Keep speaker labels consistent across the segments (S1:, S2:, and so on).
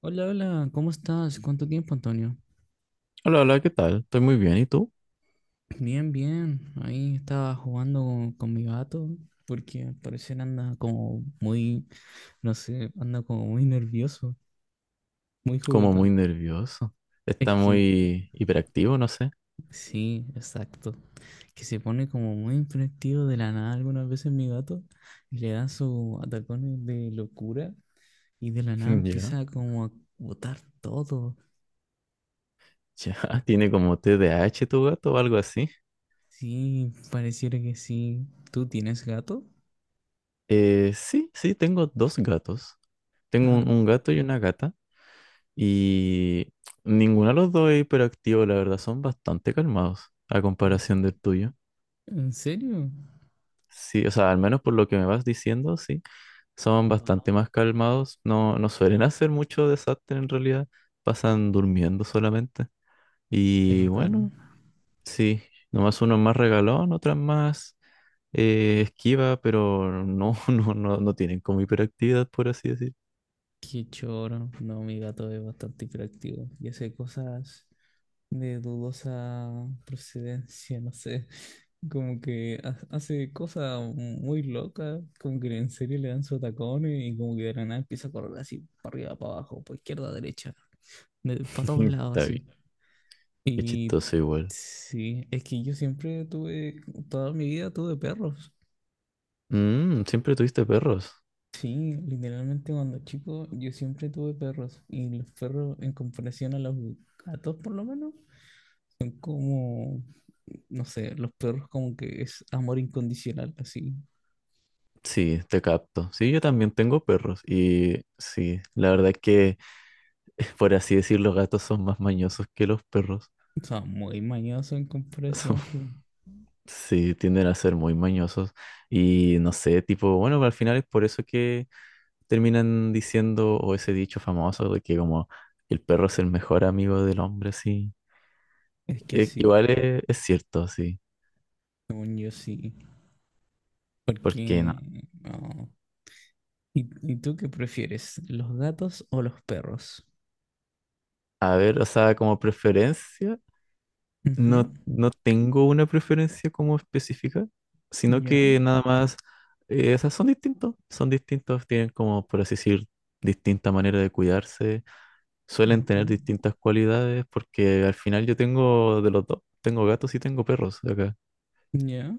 S1: Hola, hola, ¿cómo estás? ¿Cuánto tiempo, Antonio?
S2: Hola, hola, ¿qué tal? Estoy muy bien, ¿y tú?
S1: Bien, bien. Ahí estaba jugando con mi gato porque al parecer anda como muy, no sé, anda como muy nervioso, muy
S2: Como muy
S1: juguetón.
S2: nervioso.
S1: Es
S2: Está
S1: que
S2: muy hiperactivo, no sé.
S1: sí, exacto. Que se pone como muy impresivo de la nada algunas veces mi gato y le da sus atacones de locura y de la nada
S2: Ya.
S1: empieza como a botar todo.
S2: Ya, tiene como TDAH tu gato o algo así.
S1: Sí, pareciera que sí. ¿Tú tienes gato?
S2: Sí, sí, tengo dos gatos. Tengo
S1: Ah,
S2: un gato y una gata. Y ninguno de los dos es hiperactivo, la verdad, son bastante calmados a comparación del tuyo.
S1: ¿en serio?
S2: Sí, o sea, al menos por lo que me vas diciendo, sí, son bastante
S1: Wow,
S2: más calmados. No, no suelen hacer mucho desastre en realidad. Pasan durmiendo solamente.
S1: qué
S2: Y
S1: bacán.
S2: bueno, sí, nomás uno es más regalón, otras más esquiva, pero no, no, no, no tienen como hiperactividad, por así decir.
S1: Qué choro. No, mi gato es bastante hiperactivo y hace cosas de dudosa procedencia, no sé. Como que ha- hace cosas muy locas, como que en serio le dan su tacón y como que de la nada empieza a correr así, para arriba, para abajo, para izquierda, derecha, para todos lados
S2: Está bien,
S1: así.
S2: es
S1: Y
S2: chistoso igual.
S1: sí, es que yo siempre tuve, toda mi vida tuve perros.
S2: Siempre tuviste perros.
S1: Sí, literalmente cuando chico yo siempre tuve perros y los perros en comparación a los gatos por lo menos son como, no sé, los perros como que es amor incondicional así.
S2: Sí, te capto. Sí, yo también tengo perros. Y sí, la verdad es que, por así decir, los gatos son más mañosos que los perros.
S1: O sea, muy mañoso en
S2: Son-
S1: comparación, pues.
S2: sí, tienden a ser muy mañosos. Y no sé, tipo, bueno, al final es por eso que terminan diciendo, o ese dicho famoso de que como el perro es el mejor amigo del hombre, sí.
S1: Es que
S2: Eh,
S1: sí,
S2: igual es cierto, sí.
S1: según yo sí.
S2: Porque no.
S1: Porque, no. ¿Y tú qué prefieres, los gatos o los perros?
S2: A ver, o sea, como preferencia,
S1: Ujú,
S2: no, no tengo una preferencia como específica, sino
S1: ya,
S2: que nada más, o sea, son distintos, tienen como, por así decir, distinta manera de cuidarse, suelen
S1: ujú,
S2: tener distintas cualidades, porque al final yo tengo de los dos, tengo gatos y tengo perros acá.
S1: ya,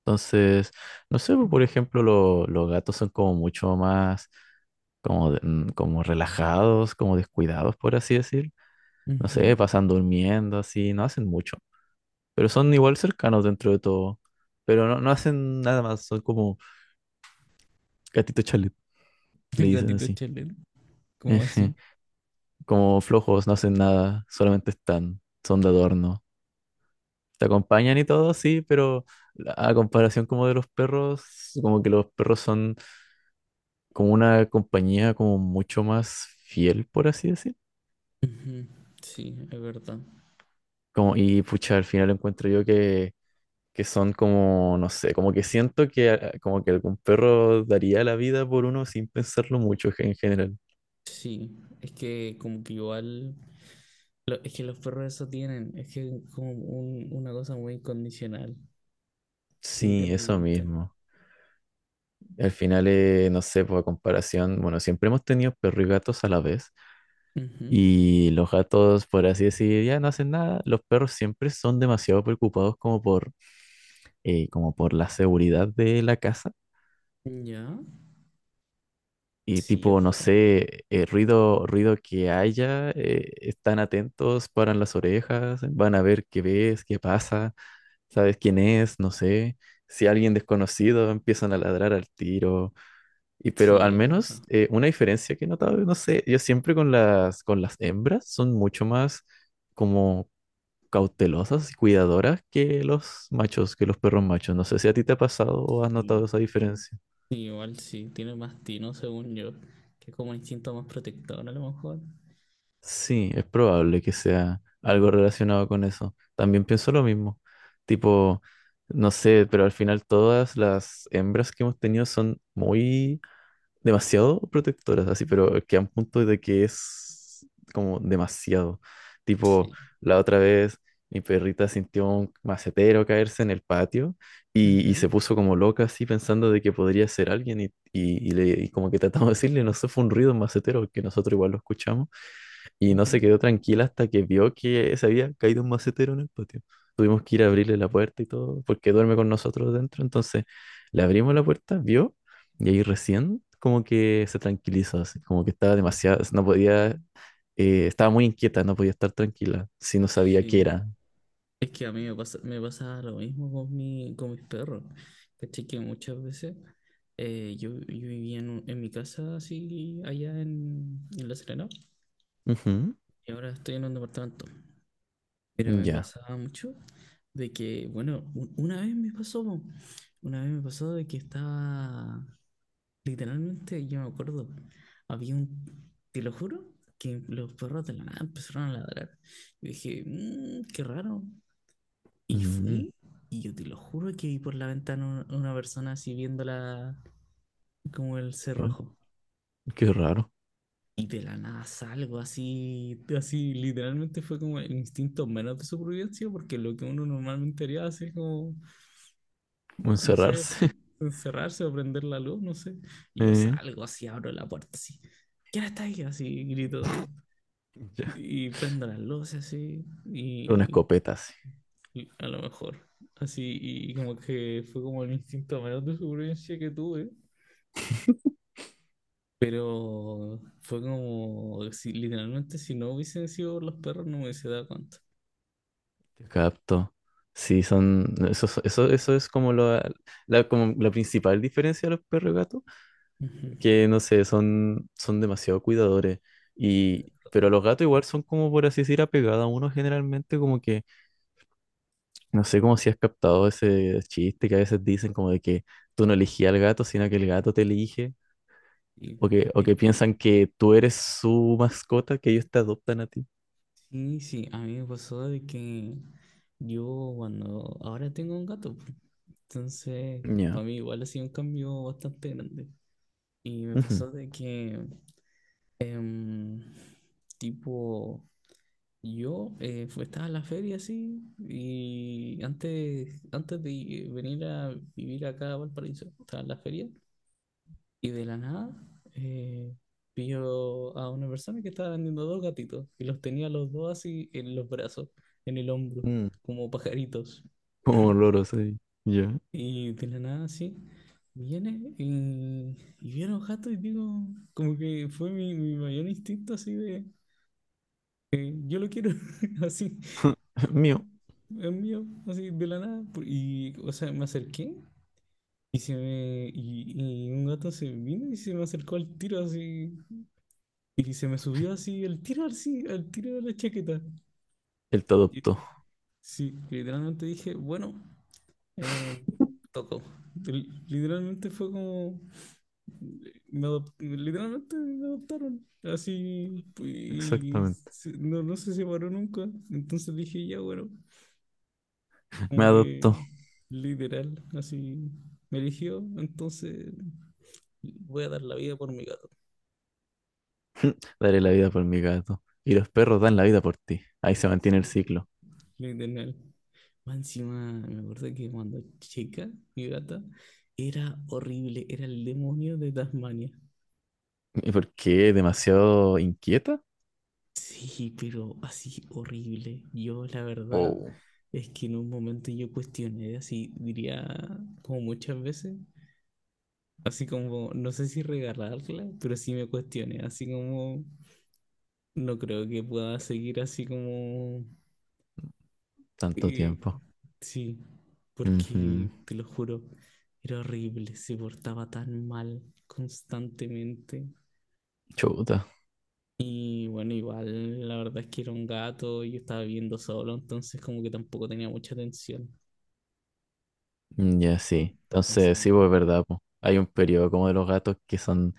S2: Entonces, no sé, pues, por ejemplo, los gatos son como mucho más como, como relajados, como descuidados, por así decir. No
S1: ujú.
S2: sé, pasan durmiendo, así, no hacen mucho. Pero son igual cercanos dentro de todo. Pero no, no hacen nada más, son como gatitos chalet, le
S1: El
S2: dicen
S1: gatito
S2: así.
S1: Chelet, ¿cómo así?
S2: Ejé. Como flojos, no hacen nada, solamente están, son de adorno. Te acompañan y todo, sí, pero a comparación como de los perros, como que los perros son como una compañía como mucho más fiel, por así decir.
S1: Ujú, sí, es verdad.
S2: Como, y pucha, al final encuentro yo que son como, no sé, como que siento que como que algún perro daría la vida por uno sin pensarlo mucho en general.
S1: Sí, es que como que igual, lo- es que los perros eso tienen, es que es como un- una cosa muy incondicional,
S2: Sí, eso
S1: literalmente.
S2: mismo. Al final, no sé, por comparación, bueno, siempre hemos tenido perros y gatos a la vez.
S1: Ujú,
S2: Y los gatos, por así decir, ya no hacen nada. Los perros siempre son demasiado preocupados como por, como por la seguridad de la casa.
S1: ya,
S2: Y
S1: sí, es
S2: tipo, no
S1: verdad.
S2: sé, ruido, ruido que haya, están atentos, paran las orejas, van a ver qué ves, qué pasa, sabes quién es, no sé. Si alguien desconocido empiezan a ladrar al tiro. Y pero
S1: Sí,
S2: al
S1: es verdad.
S2: menos una diferencia que he notado, no sé, yo siempre con las hembras son mucho más como cautelosas y cuidadoras que los machos, que los perros machos. No sé si a ti te ha pasado o has notado
S1: Sí.
S2: esa diferencia.
S1: Sí, igual sí, tiene más tino según yo, que es como un instinto más protector a lo mejor.
S2: Sí, es probable que sea algo relacionado con eso. También pienso lo mismo. Tipo, no sé, pero al final todas las hembras que hemos tenido son muy demasiado protectoras, así, pero que a un punto de que es como demasiado. Tipo,
S1: Sí.
S2: la otra vez mi perrita sintió un macetero caerse en el patio y
S1: Ujú,
S2: se puso como loca así pensando de que podría ser alguien y como que tratamos de decirle, no sé, fue un ruido, un macetero, que nosotros igual lo escuchamos. Y no
S1: ujú,
S2: se quedó tranquila hasta que vio que se había caído un macetero en el patio. Tuvimos que ir a abrirle la puerta y todo, porque duerme con nosotros dentro. Entonces le abrimos la puerta, vio, y ahí recién como que se tranquilizó, así, como que estaba demasiado, no podía, estaba muy inquieta, no podía estar tranquila, si no sabía qué
S1: sí.
S2: era.
S1: Es que a mí me pasa lo mismo con mis perros. ¿Cachai? Que muchas veces yo vivía en mi casa así allá en La Serena
S2: Ujú,
S1: y ahora estoy en un departamento. Pero me
S2: ya.
S1: pasaba mucho de que, bueno, una vez me pasó, po. Una vez me pasó de que estaba, literalmente, yo me acuerdo, había un, te lo juro, que los perros de la nada empezaron a ladrar. Y dije, "Mm, qué raro. Y
S2: Mm,
S1: fui, y yo te lo juro que vi por la ventana una persona así viéndola como el
S2: ay,
S1: cerrojo.
S2: qué raro,
S1: Y de la nada salgo así, así literalmente fue como el instinto menos de supervivencia, porque lo que uno normalmente haría así es como, no sé,
S2: encerrarse.
S1: encerrarse o prender la luz, no sé. Y yo
S2: eh,
S1: salgo así, abro la puerta así. ¿Quién está ahí? Así grito.
S2: ya,
S1: Y prendo las luces así,
S2: con una
S1: y
S2: escopeta, sí.
S1: y a lo mejor. Así, y como que fue como el instinto menos de supervivencia que tuve. Pero fue como, si, literalmente, si no hubiesen sido por los perros, no me hubiese dado cuenta.
S2: Te capto. Sí, eso es como como la principal diferencia de los perros y gatos,
S1: Ujú.
S2: que no sé, son demasiado cuidadores. Y, pero los gatos igual son como, por así decir, apegados a uno generalmente, como que, no sé cómo si has captado ese chiste que a veces dicen como de que tú no elegías al gato, sino que el gato te elige,
S1: Y,
S2: o que, o
S1: eh,
S2: que piensan que tú eres su mascota, que ellos te adoptan a ti.
S1: sí, sí, a mí me pasó de que yo cuando ahora tengo un gato, po. Entonces
S2: Ya.
S1: para mí igual ha sido un cambio bastante grande. Y me
S2: Ujú.
S1: pasó de que, em, tipo, yo estaba en la feria así, y antes, antes de venir a vivir acá a Valparaíso, estaba en la feria. Y de la nada, eh, vio a una persona que estaba vendiendo dos gatitos y los tenía los dos así en los brazos, en el hombro,
S2: Mm.
S1: como pajaritos.
S2: Como loros ahí. Ya.
S1: Y de la nada, así, viene y, vi a los y digo, como que fue mi mayor instinto así de, yo lo quiero, así,
S2: Mío.
S1: es mío, así, de la nada. Y, o sea, me acerqué y, se me, y un gato se vino y se me acercó al tiro así. Y se me subió así el tiro, así, al tiro de la chaqueta.
S2: Él te
S1: Y-
S2: adoptó.
S1: sí, literalmente dije, bueno, eh, tocó. Literalmente fue como, literalmente me adoptaron, así,
S2: Exactamente.
S1: no, no se separó nunca. Entonces dije, ya bueno,
S2: Me
S1: como que
S2: adoptó.
S1: literal, así, me eligió, entonces voy a dar la vida por mi gato.
S2: Daré la vida por mi gato. Y los perros dan la vida por ti. Ahí se mantiene el
S1: Sí,
S2: ciclo.
S1: literal. Más encima, me acuerdo que cuando chica, mi gata, era horrible, era el demonio de Tasmania.
S2: ¿Y por qué? ¿Demasiado inquieta?
S1: Sí, pero así horrible. Yo, la verdad,
S2: Oh,
S1: es que en un momento yo cuestioné, así diría como muchas veces, así como, no sé si regalarla, pero sí me cuestioné, así como, no creo que pueda seguir así como
S2: tanto
S1: eh,
S2: tiempo.
S1: sí, porque
S2: Ujú.
S1: te lo juro, era horrible, se portaba tan mal constantemente.
S2: Chuta.
S1: Y bueno, igual la verdad es que era un gato y yo estaba viviendo solo, entonces como que tampoco tenía mucha atención.
S2: Mm, ya sí.
S1: Entonces,
S2: Entonces, sí, pues es verdad, po. Hay un periodo como de los gatos que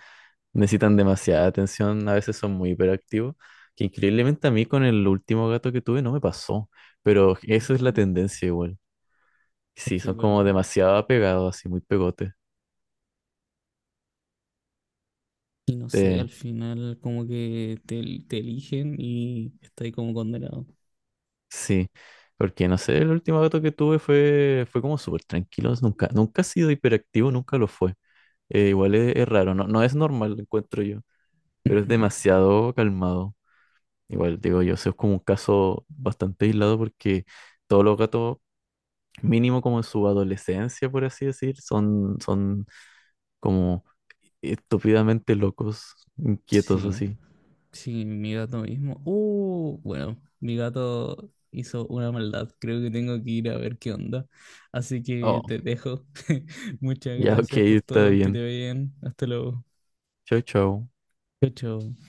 S2: necesitan demasiada atención. A veces son muy hiperactivos. Que increíblemente a mí con el último gato que tuve no me pasó. Pero esa es
S1: ujú,
S2: la tendencia igual.
S1: es
S2: Sí,
S1: que
S2: son
S1: es
S2: como
S1: verdad.
S2: demasiado apegados, así muy pegotes.
S1: Y no sé, al
S2: Te,
S1: final como que te eligen y estás ahí como condenado.
S2: Sí, porque no sé, el último gato que tuve fue como súper tranquilo, nunca, nunca ha sido hiperactivo, nunca lo fue. Igual es raro, no, no es normal, lo encuentro yo, pero es
S1: Ujú,
S2: demasiado calmado. Igual digo yo, eso es como un caso bastante aislado porque todos los gatos, mínimo como en su adolescencia, por así decir, son como estúpidamente locos, inquietos
S1: sí.
S2: así.
S1: Sí, mi gato mismo. Bueno, mi gato hizo una maldad. Creo que tengo que ir a ver qué onda. Así
S2: Oh,
S1: que te dejo. Muchas
S2: ya, ok,
S1: gracias por
S2: está
S1: todo. Que te
S2: bien.
S1: vaya bien. Hasta luego.
S2: Chao, chao.
S1: Chao, chao.